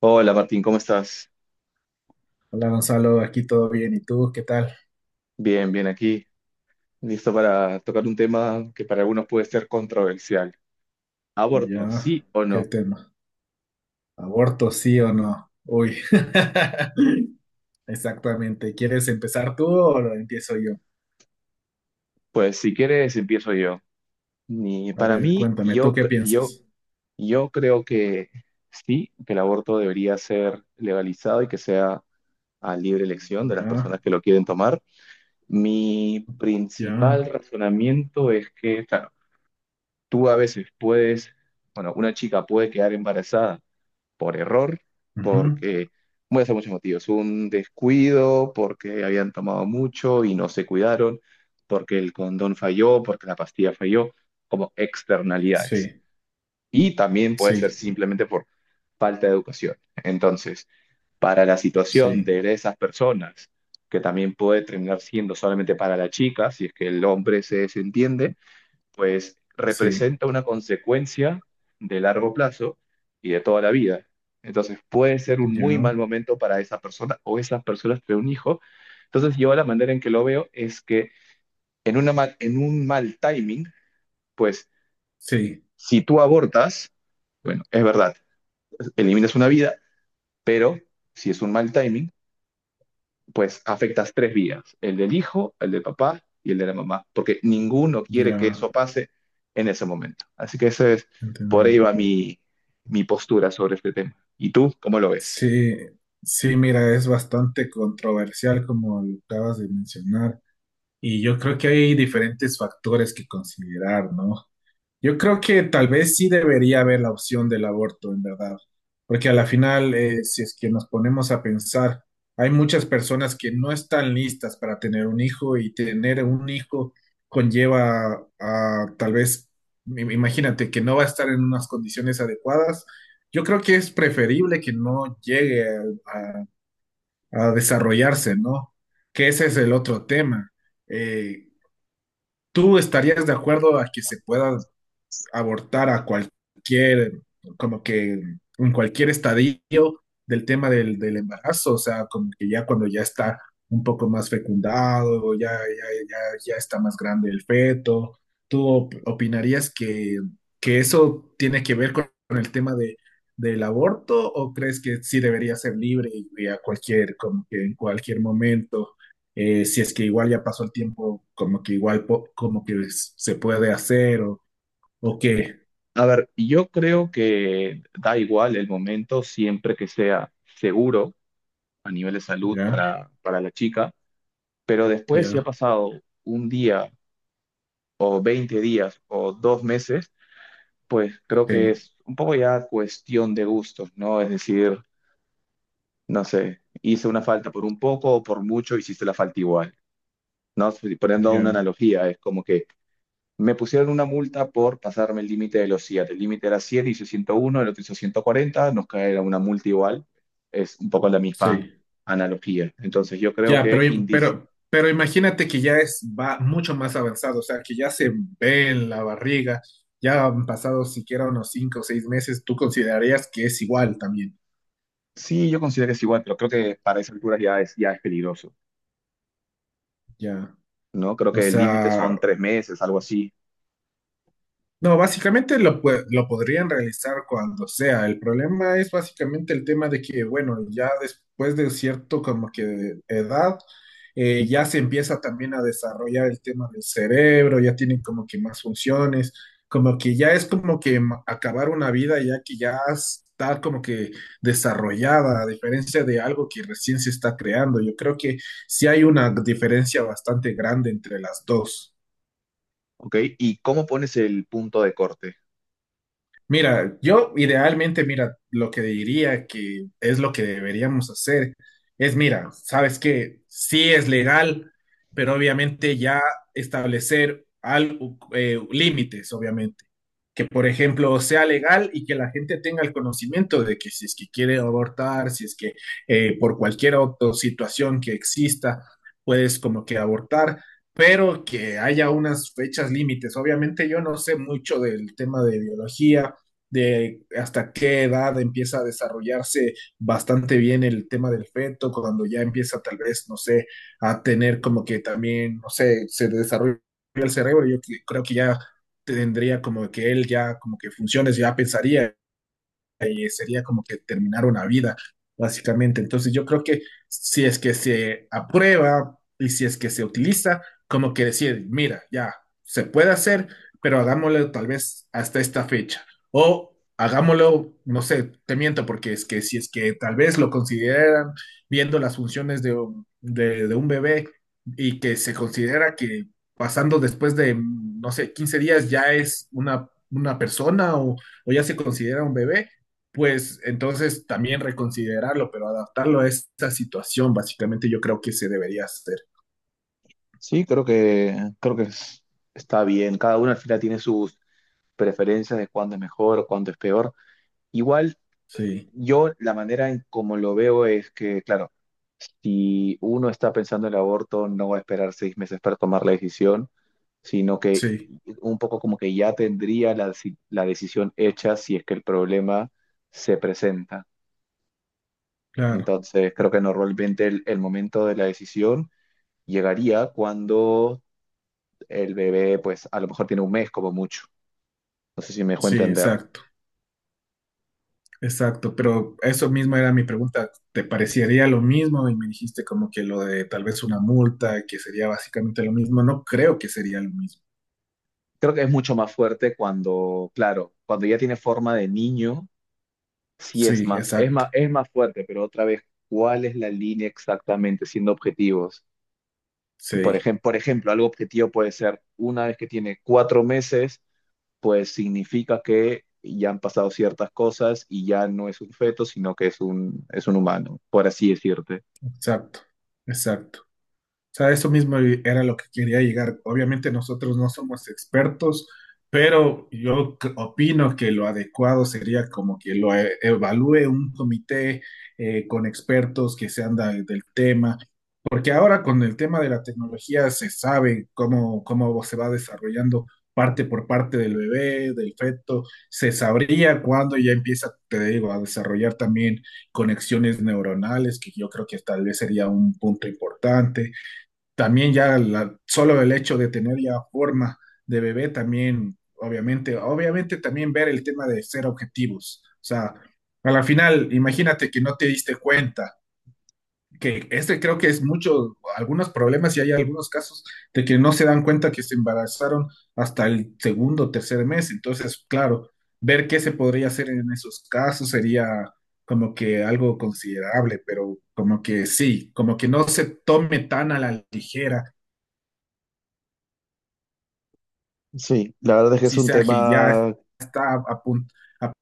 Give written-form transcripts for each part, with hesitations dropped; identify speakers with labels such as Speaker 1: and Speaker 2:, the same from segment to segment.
Speaker 1: Hola Martín, ¿cómo estás?
Speaker 2: Hola Gonzalo, aquí todo bien. ¿Y tú qué tal?
Speaker 1: Bien, bien aquí. Listo para tocar un tema que para algunos puede ser controversial. ¿Aborto,
Speaker 2: Ya,
Speaker 1: sí o
Speaker 2: ¿qué
Speaker 1: no?
Speaker 2: tema? ¿Aborto sí o no? Uy, exactamente. ¿Quieres empezar tú o lo empiezo yo?
Speaker 1: Pues si quieres empiezo yo. Ni
Speaker 2: A
Speaker 1: para
Speaker 2: ver,
Speaker 1: mí,
Speaker 2: cuéntame, ¿tú qué piensas?
Speaker 1: yo creo que sí, que el aborto debería ser legalizado y que sea a libre elección de las
Speaker 2: Ya,
Speaker 1: personas que lo quieren tomar. Mi principal
Speaker 2: ya,
Speaker 1: razonamiento es que, claro, tú a veces puedes, bueno, una chica puede quedar embarazada por error,
Speaker 2: ujú,
Speaker 1: porque puede ser muchos motivos, un descuido, porque habían tomado mucho y no se cuidaron, porque el condón falló, porque la pastilla falló, como externalidades.
Speaker 2: sí,
Speaker 1: Y también puede ser
Speaker 2: sí,
Speaker 1: simplemente por falta de educación. Entonces, para la situación
Speaker 2: sí,
Speaker 1: de esas personas, que también puede terminar siendo solamente para la chica, si es que el hombre se desentiende, pues
Speaker 2: sí,
Speaker 1: representa una consecuencia de largo plazo y de toda la vida. Entonces puede ser un muy mal
Speaker 2: ya,
Speaker 1: momento para esa persona o esas personas tener un hijo. Entonces yo la manera en que lo veo es que en un mal timing, pues
Speaker 2: sí,
Speaker 1: si tú abortas, bueno, es verdad, eliminas una vida, pero si es un mal timing, pues afectas tres vías, el del hijo, el del papá y el de la mamá, porque ninguno quiere que
Speaker 2: ya,
Speaker 1: eso pase en ese momento. Así que por ahí
Speaker 2: entendido.
Speaker 1: va mi postura sobre este tema. ¿Y tú cómo lo ves?
Speaker 2: Sí, sí, mira, es bastante controversial como lo acabas de mencionar. Y yo creo que hay diferentes factores que considerar, ¿no? Yo creo que tal vez sí debería haber la opción del aborto, en verdad, porque a la final, si es que nos ponemos a pensar, hay muchas personas que no están listas para tener un hijo, y tener un hijo conlleva a tal vez, imagínate, que no va a estar en unas condiciones adecuadas. Yo creo que es preferible que no llegue a, a- a desarrollarse, ¿no? Que ese es el otro tema. Eh, ¿Tú estarías de acuerdo a que se pueda abortar a cualquier, como que en cualquier estadio del tema del embarazo? O sea, como que ya cuando ya está un poco más fecundado, ya, ya está más grande el feto. ¿Tú opinarías que eso tiene que ver con el tema de, del aborto, o crees que sí debería ser libre y a cualquier, como que en cualquier momento, si es que igual ya pasó el tiempo, como que igual como que se puede hacer o qué?
Speaker 1: A ver, yo creo que da igual el momento siempre que sea seguro a nivel de salud
Speaker 2: Ya,
Speaker 1: para la chica, pero después si ha
Speaker 2: ya,
Speaker 1: pasado un día o 20 días o 2 meses, pues creo que
Speaker 2: sí,
Speaker 1: es un poco ya cuestión de gustos, ¿no? Es decir, no sé, hice una falta por un poco o por mucho, hiciste la falta igual, ¿no? Poniendo una
Speaker 2: ya,
Speaker 1: analogía, es como que me pusieron una multa por pasarme el límite de velocidad. El límite era 100, hice 101, el otro hizo 140, nos cae una multa igual. Es un poco la misma
Speaker 2: sí.
Speaker 1: analogía. Entonces yo creo
Speaker 2: Ya,
Speaker 1: que
Speaker 2: pero,
Speaker 1: indis...
Speaker 2: pero, pero imagínate que ya es va mucho más avanzado, o sea, que ya se ve en la barriga, ya han pasado siquiera unos 5 o 6 meses, tú considerarías que es igual también,
Speaker 1: Sí, yo considero que es igual, pero creo que para esas alturas ya es peligroso,
Speaker 2: ya.
Speaker 1: ¿no? Creo
Speaker 2: O
Speaker 1: que el límite
Speaker 2: sea,
Speaker 1: son 3 meses, algo así,
Speaker 2: no, básicamente lo, lo podrían realizar cuando sea. El problema es básicamente el tema de que, bueno, ya después de cierto como que edad, ya se empieza también a desarrollar el tema del cerebro, ya tienen como que más funciones, como que ya es como que acabar una vida ya que ya está como que desarrollada, a diferencia de algo que recién se está creando. Yo creo que sí hay una diferencia bastante grande entre las dos.
Speaker 1: ¿ok? ¿Y cómo pones el punto de corte?
Speaker 2: Mira, yo idealmente, mira, lo que diría que es lo que deberíamos hacer es, mira, sabes que sí es legal, pero obviamente ya establecer algo, límites, obviamente. Que, por ejemplo, sea legal y que la gente tenga el conocimiento de que si es que quiere abortar, si es que por cualquier otra situación que exista, puedes como que abortar pero que haya unas fechas límites. Obviamente yo no sé mucho del tema de biología, de hasta qué edad empieza a desarrollarse bastante bien el tema del feto, cuando ya empieza tal vez, no sé, a tener como que también, no sé, se desarrolla el cerebro, yo creo que ya tendría como que él ya como que funciones, ya pensaría y sería como que terminar una vida, básicamente. Entonces yo creo que si es que se aprueba y si es que se utiliza, como que decir, mira, ya, se puede hacer, pero hagámoslo tal vez hasta esta fecha. O hagámoslo, no sé, te miento, porque es que si es que tal vez lo consideran viendo las funciones de, de un bebé, y que se considera que pasando después de, no sé, 15 días ya es una persona, o ya se considera un bebé, pues entonces también reconsiderarlo, pero adaptarlo a esta situación, básicamente yo creo que se debería hacer.
Speaker 1: Sí, creo que está bien. Cada uno al final tiene sus preferencias de cuándo es mejor o cuándo es peor. Igual,
Speaker 2: Sí,
Speaker 1: yo la manera en como lo veo es que, claro, si uno está pensando en el aborto, no va a esperar 6 meses para tomar la decisión, sino que
Speaker 2: sí,
Speaker 1: un poco como que ya tendría la decisión hecha si es que el problema se presenta.
Speaker 2: claro,
Speaker 1: Entonces, creo que normalmente el momento de la decisión llegaría cuando el bebé pues a lo mejor tiene un mes como mucho. No sé si me dejó
Speaker 2: sí,
Speaker 1: entender.
Speaker 2: exacto, exacto. Pero eso mismo era mi pregunta, ¿te parecería lo mismo? Y me dijiste como que lo de tal vez una multa, que sería básicamente lo mismo. No creo que sería lo mismo.
Speaker 1: Creo que es mucho más fuerte cuando, claro, cuando ya tiene forma de niño, sí
Speaker 2: Sí, exacto,
Speaker 1: es más fuerte, pero otra vez, ¿cuál es la línea exactamente siendo objetivos?
Speaker 2: sí,
Speaker 1: Por ejemplo, algo objetivo puede ser, una vez que tiene 4 meses, pues significa que ya han pasado ciertas cosas y ya no es un feto, sino que es un humano, por así decirte.
Speaker 2: exacto, exacto. O sea, eso mismo era lo que quería llegar. Obviamente nosotros no somos expertos, pero yo opino que lo adecuado sería como que lo evalúe un comité con expertos que sean del tema, porque ahora con el tema de la tecnología se sabe cómo, cómo se va desarrollando parte por parte del bebé, del feto, se sabría cuándo ya empieza, te digo, a desarrollar también conexiones neuronales, que yo creo que tal vez sería un punto importante, también ya solo el hecho de tener ya forma de bebé también, obviamente, obviamente también ver el tema de ser objetivos. O sea, a la final, imagínate que no te diste cuenta, que este creo que es mucho, algunos problemas y hay algunos casos de que no se dan cuenta que se embarazaron hasta el segundo o tercer mes. Entonces, claro, ver qué se podría hacer en esos casos sería como que algo considerable, pero como que sí, como que no se tome tan a la ligera
Speaker 1: Sí, la verdad es que es
Speaker 2: si
Speaker 1: un
Speaker 2: sea que ya
Speaker 1: tema.
Speaker 2: está a, punto a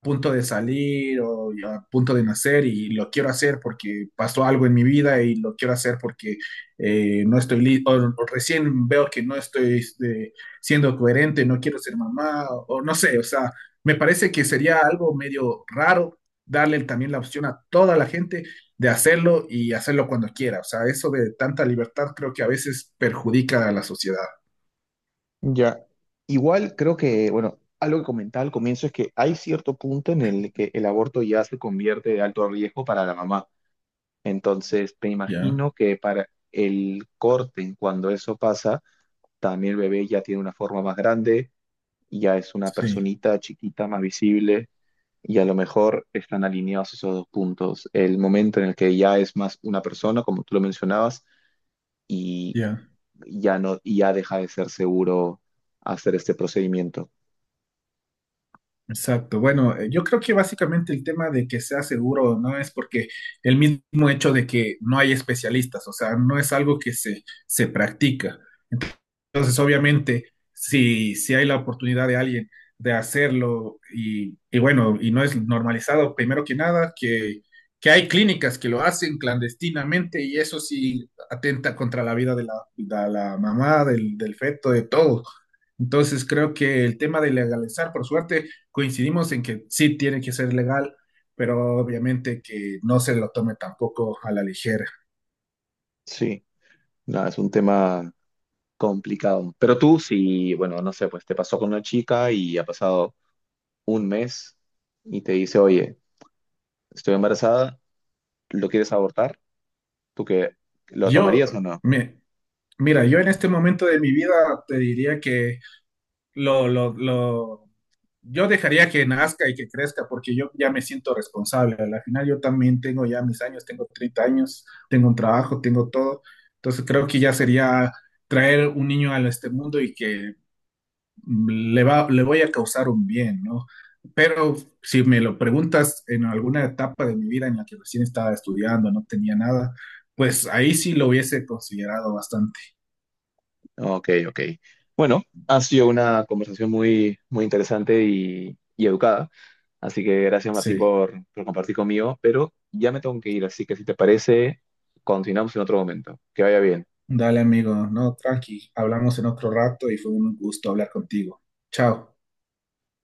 Speaker 2: punto de salir o a punto de nacer y lo quiero hacer porque pasó algo en mi vida y lo quiero hacer porque no estoy listo, o recién veo que no estoy siendo coherente, no quiero ser mamá, o no sé, o sea, me parece que sería algo medio raro darle también la opción a toda la gente de hacerlo y hacerlo cuando quiera, o sea, eso de tanta libertad creo que a veces perjudica a la sociedad,
Speaker 1: Ya. Igual creo que, bueno, algo que comentaba al comienzo es que hay cierto punto en el que el aborto ya se convierte de alto riesgo para la mamá. Entonces, te
Speaker 2: ¿ya?
Speaker 1: imagino que para el corte, en cuando eso pasa, también el bebé ya tiene una forma más grande, ya es una
Speaker 2: Sí,
Speaker 1: personita chiquita, más visible, y a lo mejor están alineados esos dos puntos. El momento en el que ya es más una persona, como tú lo mencionabas, y
Speaker 2: ya.
Speaker 1: ya no, y ya deja de ser seguro hacer este procedimiento.
Speaker 2: Exacto. Bueno, yo creo que básicamente el tema de que sea seguro no es porque el mismo hecho de que no hay especialistas, o sea, no es algo que se practica. Entonces, obviamente, si hay la oportunidad de alguien de hacerlo y bueno, y no es normalizado, primero que nada, que hay clínicas que lo hacen clandestinamente y eso sí atenta contra la vida de la mamá, del feto, de todo. Entonces, creo que el tema de legalizar, por suerte, coincidimos en que sí tiene que ser legal, pero obviamente que no se lo tome tampoco a la ligera.
Speaker 1: Sí, nada, es un tema complicado. Pero tú, si, bueno, no sé, pues te pasó con una chica y ha pasado un mes y te dice, oye, estoy embarazada, ¿lo quieres abortar? ¿Tú qué? ¿Lo
Speaker 2: Yo,
Speaker 1: tomarías o no?
Speaker 2: me, mira, yo en este momento de mi vida te diría que lo, lo, lo, yo dejaría que nazca y que crezca porque yo ya me siento responsable. Al final yo también tengo ya mis años, tengo 30 años, tengo un trabajo, tengo todo. Entonces creo que ya sería traer un niño a este mundo y que le va, le voy a causar un bien, ¿no? Pero si me lo preguntas en alguna etapa de mi vida en la que recién estaba estudiando, no tenía nada, pues ahí sí lo hubiese considerado bastante.
Speaker 1: Ok, ok. Bueno, ha sido una conversación muy interesante y educada. Así que gracias, Martín,
Speaker 2: Sí.
Speaker 1: por compartir conmigo. Pero ya me tengo que ir, así que si te parece, continuamos en otro momento. Que vaya bien.
Speaker 2: Dale, amigo, no, tranqui, hablamos en otro rato y fue un gusto hablar contigo. Chao.